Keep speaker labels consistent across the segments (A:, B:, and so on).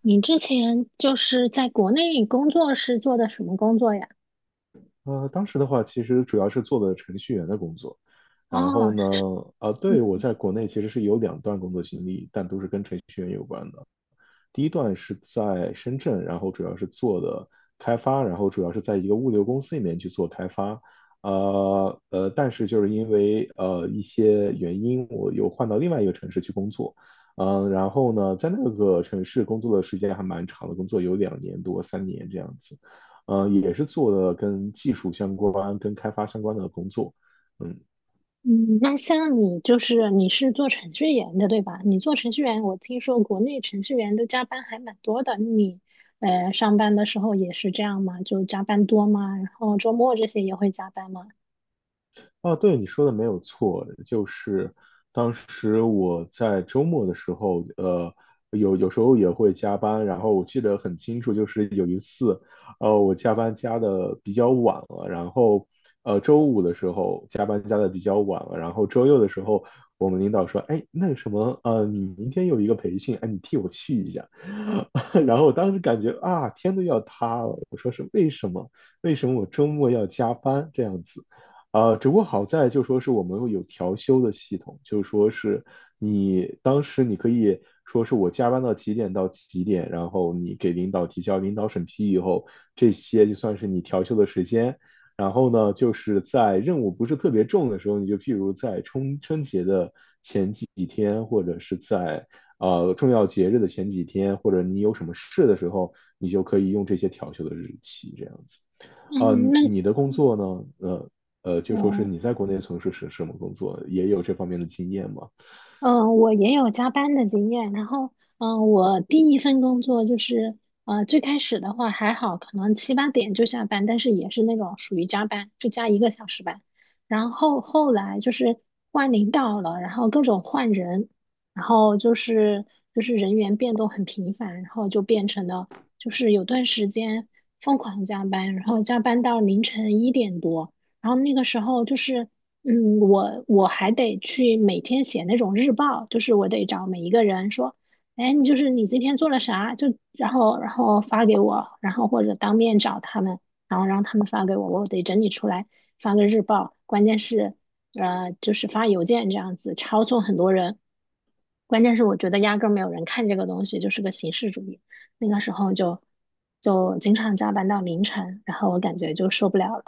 A: 你之前就是在国内工作是做的什么工作呀？
B: 当时的话，其实主要是做的程序员的工作。然后
A: 哦，
B: 呢，对，我
A: 嗯
B: 在国内其实是有两段工作经历，但都是跟程序员有关的。第一段是在深圳，然后主要是做的开发，然后主要是在一个物流公司里面去做开发。但是就是因为一些原因，我又换到另外一个城市去工作。然后呢，在那个城市工作的时间还蛮长的，工作有两年多、三年这样子。也是做的跟技术相关、跟开发相关的工作。嗯。
A: 嗯，那像你就是你是做程序员的对吧？你做程序员，我听说国内程序员都加班还蛮多的。你上班的时候也是这样吗？就加班多吗？然后周末这些也会加班吗？
B: 哦，对，你说的没有错，就是当时我在周末的时候，有时候也会加班，然后我记得很清楚，就是有一次，我加班加的比较晚了，然后周五的时候加班加的比较晚了，然后周六的时候，我们领导说，哎，那个什么，你明天有一个培训，哎，你替我去一下，然后我当时感觉啊，天都要塌了，我说是为什么？为什么我周末要加班这样子？只不过好在就说是我们有调休的系统，就说是你当时你可以说是我加班到几点到几点，然后你给领导提交，领导审批以后，这些就算是你调休的时间。然后呢，就是在任务不是特别重的时候，你就譬如在春节的前几天，或者是在重要节日的前几天，或者你有什么事的时候，你就可以用这些调休的日期这样子。啊，
A: 嗯，那
B: 你的工作呢？就说是
A: 哦。
B: 你在国内从事是什么工作？也有这方面的经验吗？
A: 嗯，我也有加班的经验。然后，嗯，我第一份工作就是，最开始的话还好，可能七八点就下班，但是也是那种属于加班，就加一个小时班。然后后来就是换领导了，然后各种换人，然后就是就是人员变动很频繁，然后就变成了就是有段时间疯狂加班，然后加班到凌晨一点多。然后那个时候就是嗯，我还得去每天写那种日报，就是我得找每一个人说，哎，你就是你今天做了啥，就然后发给我，然后或者当面找他们，然后让他们发给我，我得整理出来发个日报。关键是，就是发邮件这样子，抄送很多人。关键是我觉得压根儿没有人看这个东西，就是个形式主义。那个时候就经常加班到凌晨，然后我感觉就受不了了。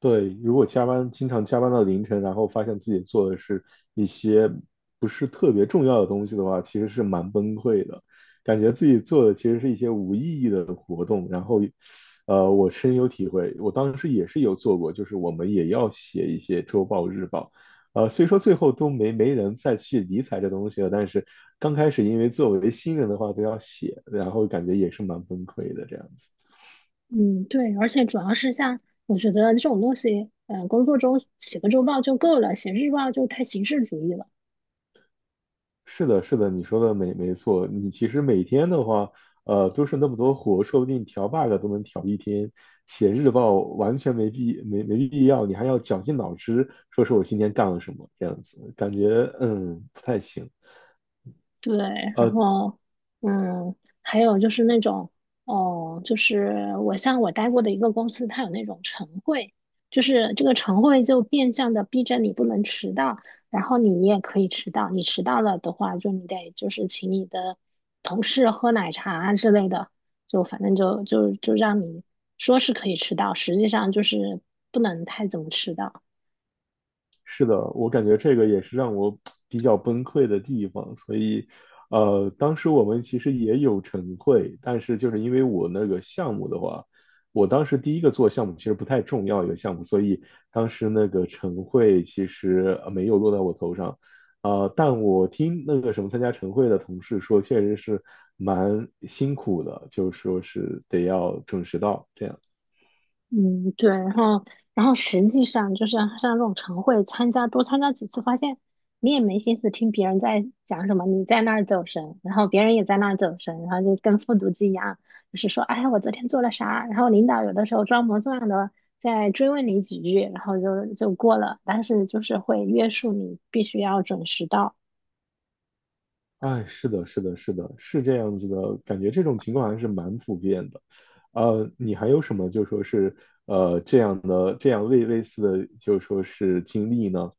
B: 对，如果加班，经常加班到凌晨，然后发现自己做的是一些不是特别重要的东西的话，其实是蛮崩溃的，感觉自己做的其实是一些无意义的活动。然后，我深有体会，我当时也是有做过，就是我们也要写一些周报、日报，虽说最后都没人再去理睬这东西了，但是刚开始因为作为新人的话都要写，然后感觉也是蛮崩溃的这样子。
A: 嗯，对，而且主要是像我觉得这种东西，嗯、工作中写个周报就够了，写日报就太形式主义了。
B: 是的，是的，你说的没错。你其实每天的话，都是那么多活，说不定调 bug 都能调一天。写日报完全没必要，你还要绞尽脑汁说我今天干了什么，这样子感觉不太行。
A: 对，然
B: 呃
A: 后，嗯，还有就是那种，哦，就是我像我待过的一个公司，它有那种晨会，就是这个晨会就变相的逼着你不能迟到，然后你也可以迟到，你迟到了的话，就你得就是请你的同事喝奶茶啊之类的，就反正就让你说是可以迟到，实际上就是不能太怎么迟到。
B: 是的，我感觉这个也是让我比较崩溃的地方，所以，当时我们其实也有晨会，但是就是因为我那个项目的话，我当时第一个做项目其实不太重要一个项目，所以当时那个晨会其实没有落在我头上，但我听那个什么参加晨会的同事说，确实是蛮辛苦的，就是说是得要准时到这样。
A: 嗯，对，然后，然后实际上就是像这种晨会，参加多参加几次，发现你也没心思听别人在讲什么，你在那儿走神，然后别人也在那儿走神，然后就跟复读机一样，就是说，哎，我昨天做了啥？然后领导有的时候装模作样的再追问你几句，然后就过了，但是就是会约束你必须要准时到。
B: 哎，是的，是的，是的，是这样子的，感觉这种情况还是蛮普遍的。你还有什么就说是这样的这样类类似的就说是经历呢？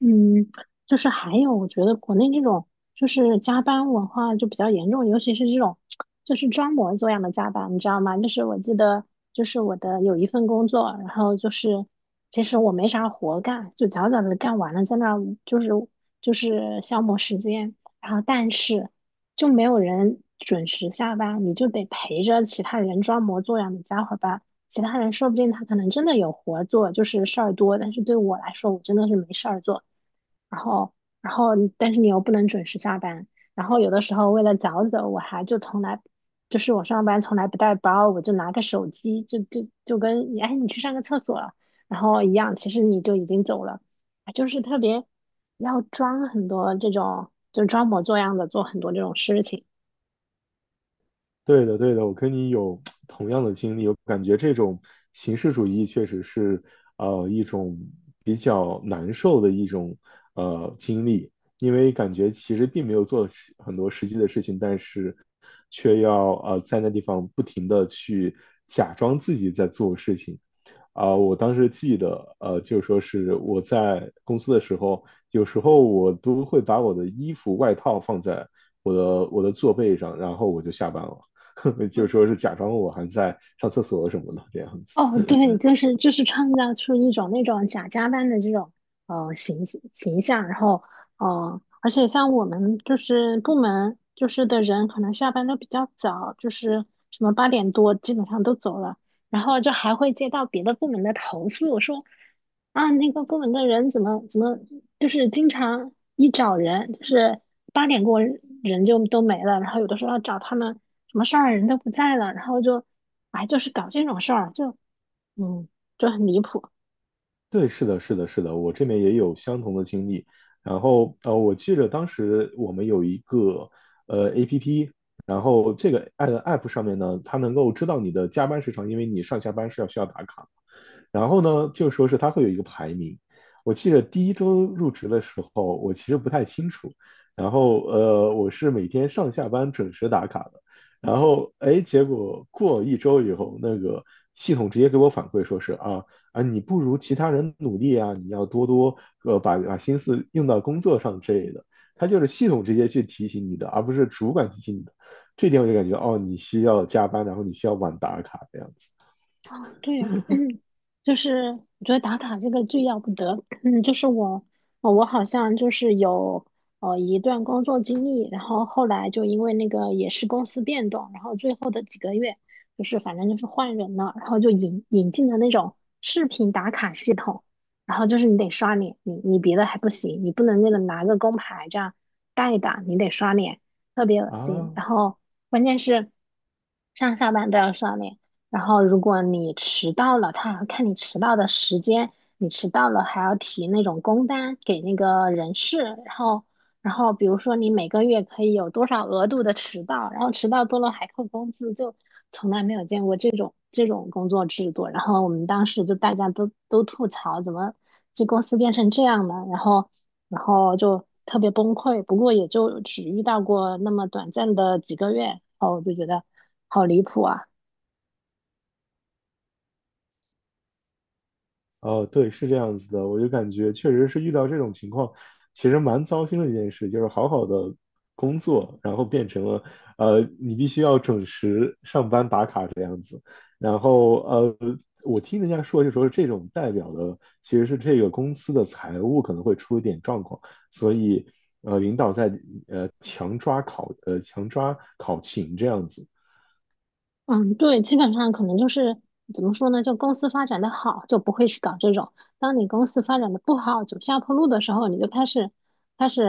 A: 嗯，就是还有，我觉得国内那种就是加班文化就比较严重，尤其是这种就是装模作样的加班，你知道吗？就是我记得，就是我的有一份工作，然后就是其实我没啥活干，就早早的干完了，在那儿就是就是消磨时间，然后但是就没有人准时下班，你就得陪着其他人装模作样的加会儿班。其他人说不定他可能真的有活做，就是事儿多，但是对我来说，我真的是没事儿做。然后，然后你但是你又不能准时下班，然后有的时候为了早走，我还就从来，就是我上班从来不带包，我就拿个手机，就跟你，哎，你去上个厕所了然后一样，其实你就已经走了，哎就是特别要装很多这种，就装模作样的做很多这种事情。
B: 对的，对的，我跟你有同样的经历，我感觉这种形式主义确实是一种比较难受的一种经历，因为感觉其实并没有做很多实际的事情，但是却要在那地方不停的去假装自己在做事情。啊，我当时记得，就说是我在公司的时候，有时候我都会把我的衣服、外套放在我的座背上，然后我就下班了。就说
A: 嗯。
B: 是假装我还在上厕所什么的这样
A: 哦，
B: 子。
A: 对，就是就是创造出一种那种假加班的这种形形象，然后而且像我们就是部门就是的人，可能下班都比较早，就是什么八点多基本上都走了，然后就还会接到别的部门的投诉，说啊那个部门的人怎么怎么就是经常一找人就是八点过人就都没了，然后有的时候要找他们什么事儿人都不在了，然后就。哎，就是搞这种事儿，就嗯，就很离谱。
B: 对，是的，是的，是的，我这边也有相同的经历。然后我记得当时我们有一个APP,然后这个 app 上面呢，它能够知道你的加班时长，因为你上下班是要需要打卡。然后呢，就说是它会有一个排名。我记得第一周入职的时候，我其实不太清楚。然后我是每天上下班准时打卡的。然后哎，结果过一周以后，那个系统直接给我反馈说是啊，你不如其他人努力啊，你要多多把心思用到工作上之类的。它就是系统直接去提醒你的，而不是主管提醒你的。这点我就感觉哦，你需要加班，然后你需要晚打卡这样子
A: 哦，对，嗯，就是我觉得打卡这个最要不得，嗯，就是我，我好像就是有一段工作经历，然后后来就因为那个也是公司变动，然后最后的几个月就是反正就是换人了，然后就引进了那种视频打卡系统，然后就是你得刷脸，你你别的还不行，你不能那个拿个工牌这样带一打，你得刷脸，特别恶心，
B: 啊。
A: 然后关键是上下班都要刷脸。然后如果你迟到了，他还要看你迟到的时间，你迟到了还要提那种工单给那个人事，然后然后比如说你每个月可以有多少额度的迟到，然后迟到多了还扣工资，就从来没有见过这种这种工作制度。然后我们当时就大家都吐槽，怎么这公司变成这样了？然后然后就特别崩溃。不过也就只遇到过那么短暂的几个月，然后我就觉得好离谱啊。
B: 哦，对，是这样子的，我就感觉确实是遇到这种情况，其实蛮糟心的一件事，就是好好的工作，然后变成了，你必须要准时上班打卡这样子，然后我听人家说，就说这种代表的其实是这个公司的财务可能会出一点状况，所以领导在强抓考勤这样子，
A: 嗯，对，基本上可能就是怎么说呢？就公司发展的好，就不会去搞这种；当你公司发展的不好，走下坡路的时候，你就开始开始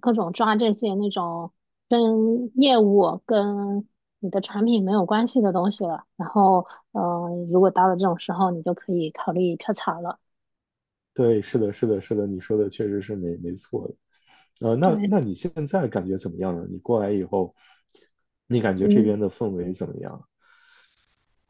A: 各种抓这些那种跟业务、跟你的产品没有关系的东西了。然后，嗯、如果到了这种时候，你就可以考虑跳槽了。
B: 对，是的，是的，是的，你说的确实是没错的。那
A: 对，
B: 那你现在感觉怎么样呢？你过来以后，你感觉这
A: 嗯。
B: 边的氛围怎么样？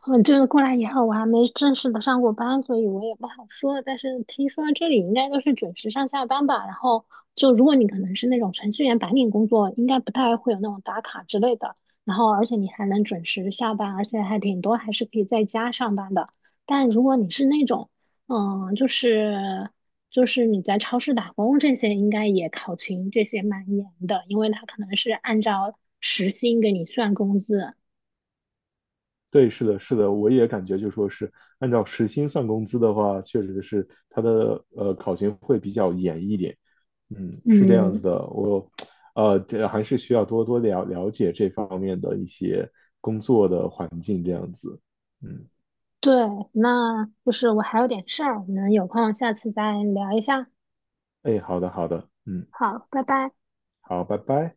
A: 嗯，就是过来以后，我还没正式的上过班，所以我也不好说。但是听说这里应该都是准时上下班吧？然后就如果你可能是那种程序员白领工作，应该不太会有那种打卡之类的。然后而且你还能准时下班，而且还挺多还是可以在家上班的。但如果你是那种，嗯，就是就是你在超市打工这些，应该也考勤这些蛮严的，因为他可能是按照时薪给你算工资。
B: 对，是的，是的，我也感觉就说是按照时薪算工资的话，确实是它的考勤会比较严一点。嗯，是这样子
A: 嗯。
B: 的，这还是需要多多了解这方面的一些工作的环境这样子。嗯，
A: 对，那就是我还有点事儿，我们有空下次再聊一下。
B: 哎，好的，好的，嗯，
A: 好，拜拜。
B: 好，拜拜。